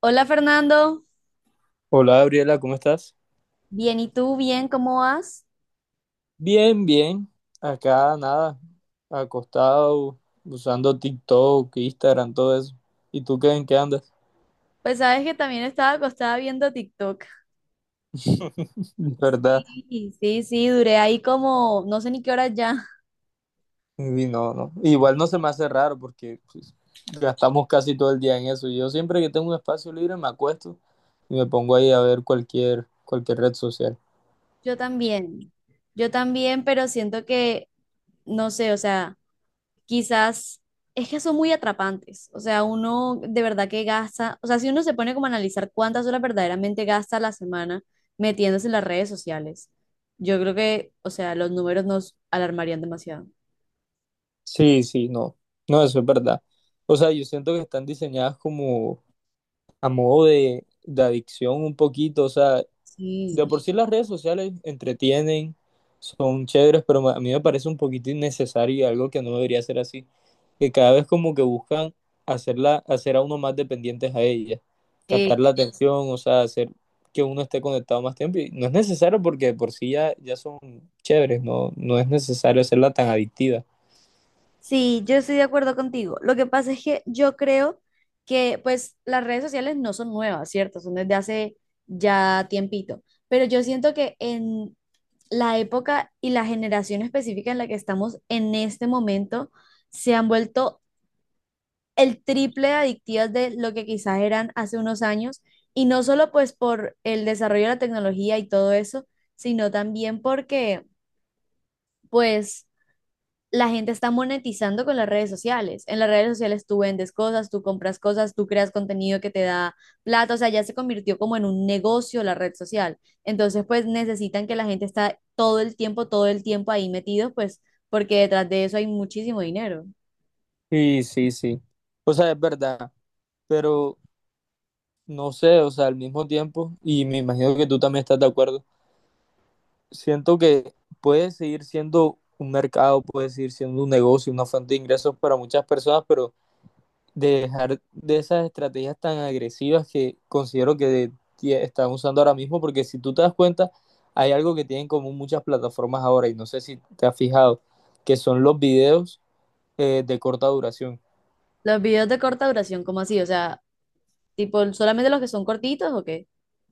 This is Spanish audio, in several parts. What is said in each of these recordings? Hola Fernando, Hola Gabriela, ¿cómo estás? bien, ¿y tú? Bien, ¿cómo vas? Bien, bien. Acá nada, acostado, usando TikTok, Instagram, todo eso. ¿Y tú qué en qué andas? Pues sabes que también estaba acostada viendo TikTok. ¿Verdad? Sí, sí, sí, duré ahí como, no sé ni qué hora ya. Y no, no. Igual no se me hace raro porque pues, gastamos casi todo el día en eso. Yo siempre que tengo un espacio libre me acuesto y me pongo ahí a ver cualquier red social. Yo también, yo también, pero siento que, no sé, o sea, quizás es que son muy atrapantes. O sea, uno de verdad que gasta, o sea, si uno se pone como a analizar cuántas horas verdaderamente gasta a la semana metiéndose en las redes sociales, yo creo que, o sea, los números nos alarmarían demasiado. Sí, sí, no. No, eso es verdad. O sea, yo siento que están diseñadas como a modo de adicción un poquito. O sea, de Sí. por sí las redes sociales entretienen, son chéveres, pero a mí me parece un poquito innecesario y algo que no debería ser así, que cada vez como que buscan hacerla, hacer a uno más dependientes a ella, captar Eh, la atención, o sea, hacer que uno esté conectado más tiempo. Y no es necesario porque de por sí ya, ya son chéveres, no, no es necesario hacerla tan adictiva. Sí, yo estoy de acuerdo contigo. Lo que pasa es que yo creo que pues las redes sociales no son nuevas, ¿cierto? Son desde hace ya tiempito. Pero yo siento que en la época y la generación específica en la que estamos en este momento se han vuelto el triple de adictivas de lo que quizás eran hace unos años. Y no solo pues por el desarrollo de la tecnología y todo eso, sino también porque pues la gente está monetizando con las redes sociales. En las redes sociales tú vendes cosas, tú compras cosas, tú creas contenido que te da plata, o sea, ya se convirtió como en un negocio la red social. Entonces, pues necesitan que la gente está todo el tiempo ahí metidos, pues porque detrás de eso hay muchísimo dinero. Sí, sí, sí. O sea, es verdad, pero no sé, o sea, al mismo tiempo, y me imagino que tú también estás de acuerdo, siento que puede seguir siendo un mercado, puede seguir siendo un negocio, una fuente de ingresos para muchas personas, pero dejar de esas estrategias tan agresivas que considero que están usando ahora mismo, porque si tú te das cuenta, hay algo que tienen en común muchas plataformas ahora, y no sé si te has fijado, que son los videos de corta duración. Los videos de corta duración, ¿cómo así? O sea, tipo, ¿solamente los que son cortitos o qué?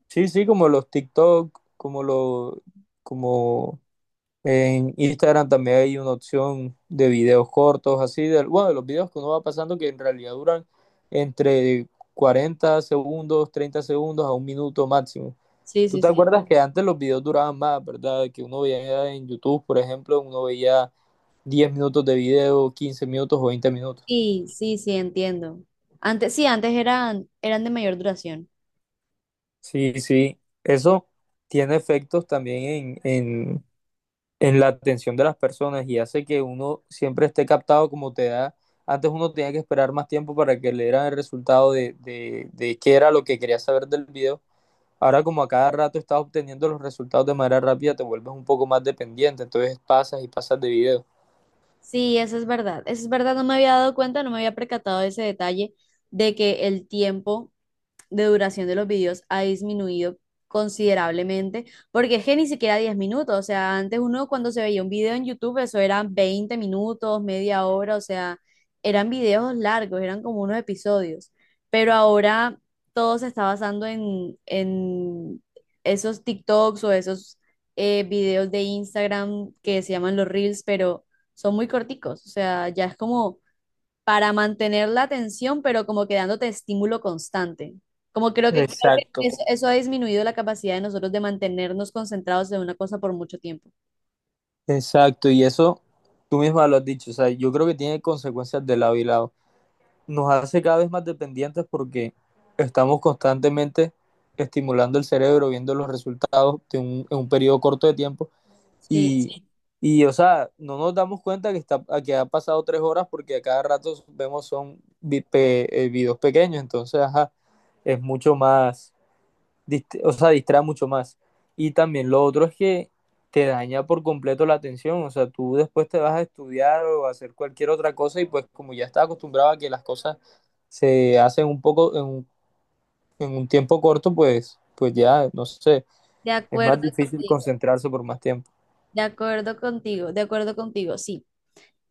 Sí, sí, como los TikTok, como los, como en Instagram también hay una opción de videos cortos, así de, bueno, de los videos que uno va pasando que en realidad duran entre 40 segundos, 30 segundos a un minuto máximo. Sí, ¿Tú sí, te sí. acuerdas que antes los videos duraban más, verdad? Que uno veía en YouTube, por ejemplo, uno veía 10 minutos de video, 15 minutos o 20 minutos. Sí, sí, sí, entiendo. Antes, sí, antes eran de mayor duración. Sí, sí, eso tiene efectos también en la atención de las personas y hace que uno siempre esté captado como te da. Antes uno tenía que esperar más tiempo para que le dieran el resultado de qué era lo que quería saber del video. Ahora como a cada rato estás obteniendo los resultados de manera rápida, te vuelves un poco más dependiente, entonces pasas y pasas de video. Sí, eso es verdad. Eso es verdad, no me había dado cuenta, no me había percatado de ese detalle de que el tiempo de duración de los videos ha disminuido considerablemente, porque es que ni siquiera 10 minutos, o sea, antes uno cuando se veía un video en YouTube, eso eran 20 minutos, media hora, o sea, eran videos largos, eran como unos episodios, pero ahora todo se está basando en esos TikToks o esos videos de Instagram que se llaman los Reels, pero son muy corticos, o sea, ya es como para mantener la atención, pero como que dándote estímulo constante. Como creo que Exacto. eso ha disminuido la capacidad de nosotros de mantenernos concentrados en una cosa por mucho tiempo. Exacto, y eso tú misma lo has dicho, o sea, yo creo que tiene consecuencias de lado y lado. Nos hace cada vez más dependientes porque estamos constantemente estimulando el cerebro, viendo los resultados de en un periodo corto de tiempo Sí, y, sí. Y, o sea, no nos damos cuenta que, que ha pasado 3 horas porque a cada rato vemos son videos pequeños, entonces, ajá, es mucho más, o sea, distrae mucho más. Y también lo otro es que te daña por completo la atención, o sea, tú después te vas a estudiar o a hacer cualquier otra cosa y pues como ya estás acostumbrado a que las cosas se hace en un poco, en un tiempo corto, pues, ya, no sé, de es acuerdo más difícil contigo, concentrarse por más tiempo. de acuerdo contigo, de acuerdo contigo, sí.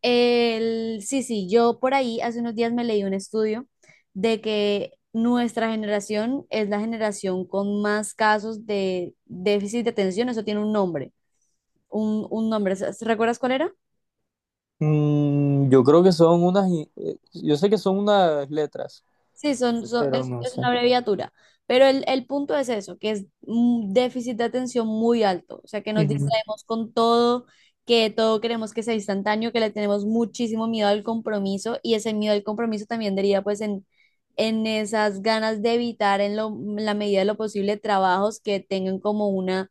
Sí, sí, yo por ahí hace unos días me leí un estudio de que nuestra generación es la generación con más casos de déficit de atención, eso tiene un nombre, un nombre, ¿sabes? ¿Recuerdas cuál era? Mm, yo creo que son unas, yo sé que son unas letras, Sí, pero no es una sé. abreviatura, pero el punto es eso, que es un déficit de atención muy alto, o sea, que nos Ujú. distraemos con todo, que todo queremos que sea instantáneo, que le tenemos muchísimo miedo al compromiso y ese miedo al compromiso también deriva pues en esas ganas de evitar en la medida de lo posible trabajos que tengan como una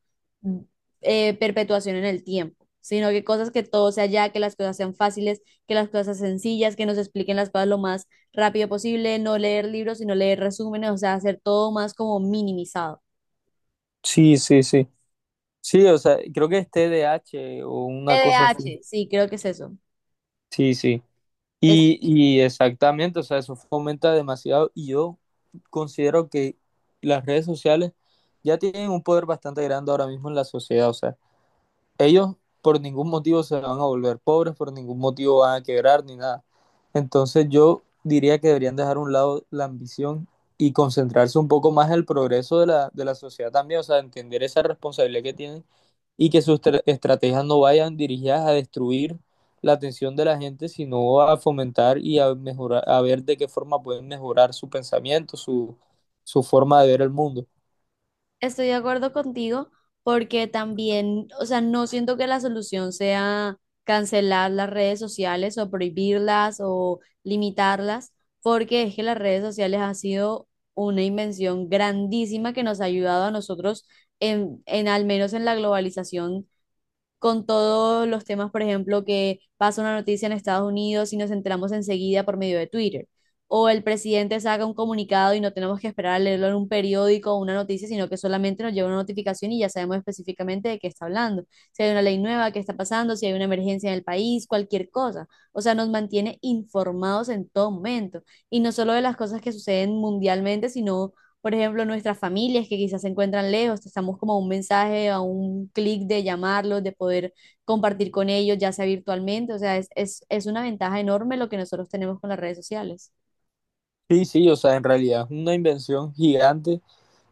perpetuación en el tiempo, sino que cosas que todo sea ya, que las cosas sean fáciles, que las cosas sean sencillas, que nos expliquen las cosas lo más rápido posible, no leer libros, sino leer resúmenes, o sea, hacer todo más como minimizado. Sí, sí, sí. Sí, o sea, creo que es TDAH o una cosa así. TDAH. Sí, creo que es eso. Sí, sí. Es- Y exactamente, o sea, eso fomenta demasiado y yo considero que las redes sociales ya tienen un poder bastante grande ahora mismo en la sociedad, o sea, ellos por ningún motivo se van a volver pobres, por ningún motivo van a quebrar ni nada. Entonces yo diría que deberían dejar a un lado la ambición y concentrarse un poco más en el progreso de la sociedad también, o sea, entender esa responsabilidad que tienen y que sus estrategias no vayan dirigidas a destruir la atención de la gente, sino a fomentar y a mejorar, a ver de qué forma pueden mejorar su pensamiento, su forma de ver el mundo. Estoy de acuerdo contigo porque también, o sea, no siento que la solución sea cancelar las redes sociales o prohibirlas o limitarlas, porque es que las redes sociales han sido una invención grandísima que nos ha ayudado a nosotros en al menos en la globalización con todos los temas, por ejemplo, que pasa una noticia en Estados Unidos y nos enteramos enseguida por medio de Twitter. O el presidente saca un comunicado y no tenemos que esperar a leerlo en un periódico o una noticia, sino que solamente nos llega una notificación y ya sabemos específicamente de qué está hablando. Si hay una ley nueva, qué está pasando, si hay una emergencia en el país, cualquier cosa. O sea, nos mantiene informados en todo momento. Y no solo de las cosas que suceden mundialmente, sino por ejemplo, nuestras familias que quizás se encuentran lejos, estamos como a un mensaje, a un clic de llamarlos, de poder compartir con ellos, ya sea virtualmente, o sea, es una ventaja enorme lo que nosotros tenemos con las redes sociales. Sí, sí, o sea, en realidad es una invención gigante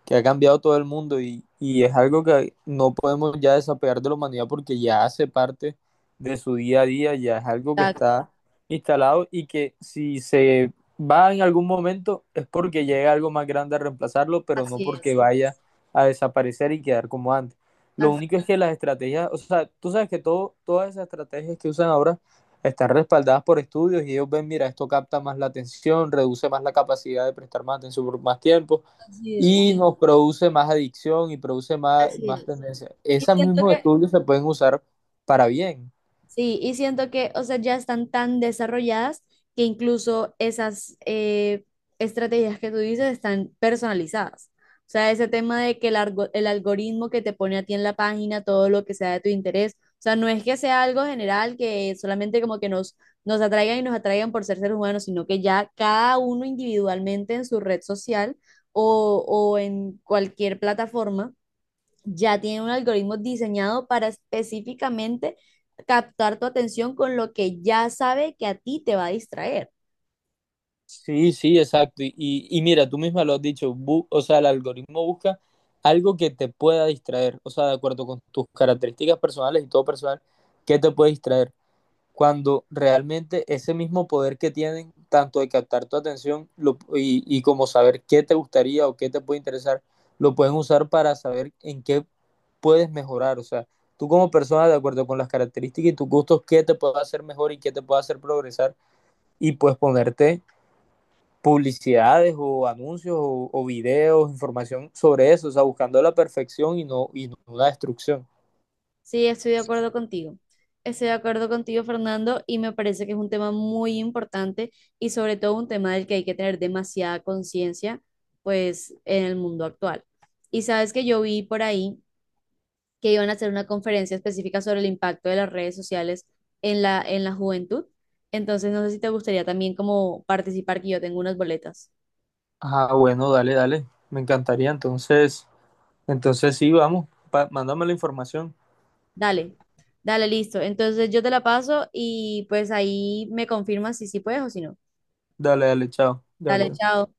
que ha cambiado todo el mundo y es algo que no podemos ya desapegar de la humanidad porque ya hace parte de su día a día, ya es algo que Exacto, está instalado y que si se va en algún momento es porque llega algo más grande a reemplazarlo, pero no así porque es, vaya a desaparecer y quedar como antes. Lo as- único es que las estrategias, o sea, tú sabes que todas esas estrategias que usan ahora están respaldadas por estudios y ellos ven, mira, esto capta más la atención, reduce más la capacidad de prestar más atención por más tiempo, así es. y nos produce más adicción y produce más, Así más es. tendencia. Y Esos siento mismos que estudios se pueden usar para bien. sí, y siento que, o sea, ya están tan desarrolladas que incluso esas estrategias que tú dices están personalizadas. O sea, ese tema de que el algoritmo que te pone a ti en la página, todo lo que sea de tu interés, o sea, no es que sea algo general que solamente como que nos, nos atraigan y nos atraigan por ser seres humanos, sino que ya cada uno individualmente en su red social o en cualquier plataforma ya tienen un algoritmo diseñado para específicamente captar tu atención con lo que ya sabe que a ti te va a distraer. Sí, sí, exacto. Y mira, tú misma lo has dicho, o sea, el algoritmo busca algo que te pueda distraer, o sea, de acuerdo con tus características personales y todo personal, que te puede distraer. Cuando realmente ese mismo poder que tienen, tanto de captar tu atención como saber qué te gustaría o qué te puede interesar, lo pueden usar para saber en qué puedes mejorar. O sea, tú como persona, de acuerdo con las características y tus gustos, qué te puede hacer mejor y qué te puede hacer progresar y pues ponerte publicidades o anuncios o videos, información sobre eso, o sea, buscando la perfección y no la destrucción. Sí, estoy de acuerdo contigo. Estoy de acuerdo contigo, Fernando, y me parece que es un tema muy importante y sobre todo un tema del que hay que tener demasiada conciencia, pues, en el mundo actual. Y sabes que yo vi por ahí que iban a hacer una conferencia específica sobre el impacto de las redes sociales en la juventud. Entonces, no sé si te gustaría también como participar, que yo tengo unas boletas. Ah, bueno, dale, dale. Me encantaría entonces sí, vamos, mándame la información. Dale, dale, listo. Entonces, yo te la paso y pues ahí me confirmas si sí puedes o si no. Dale, dale, chao, Dale, Gabriel. chao.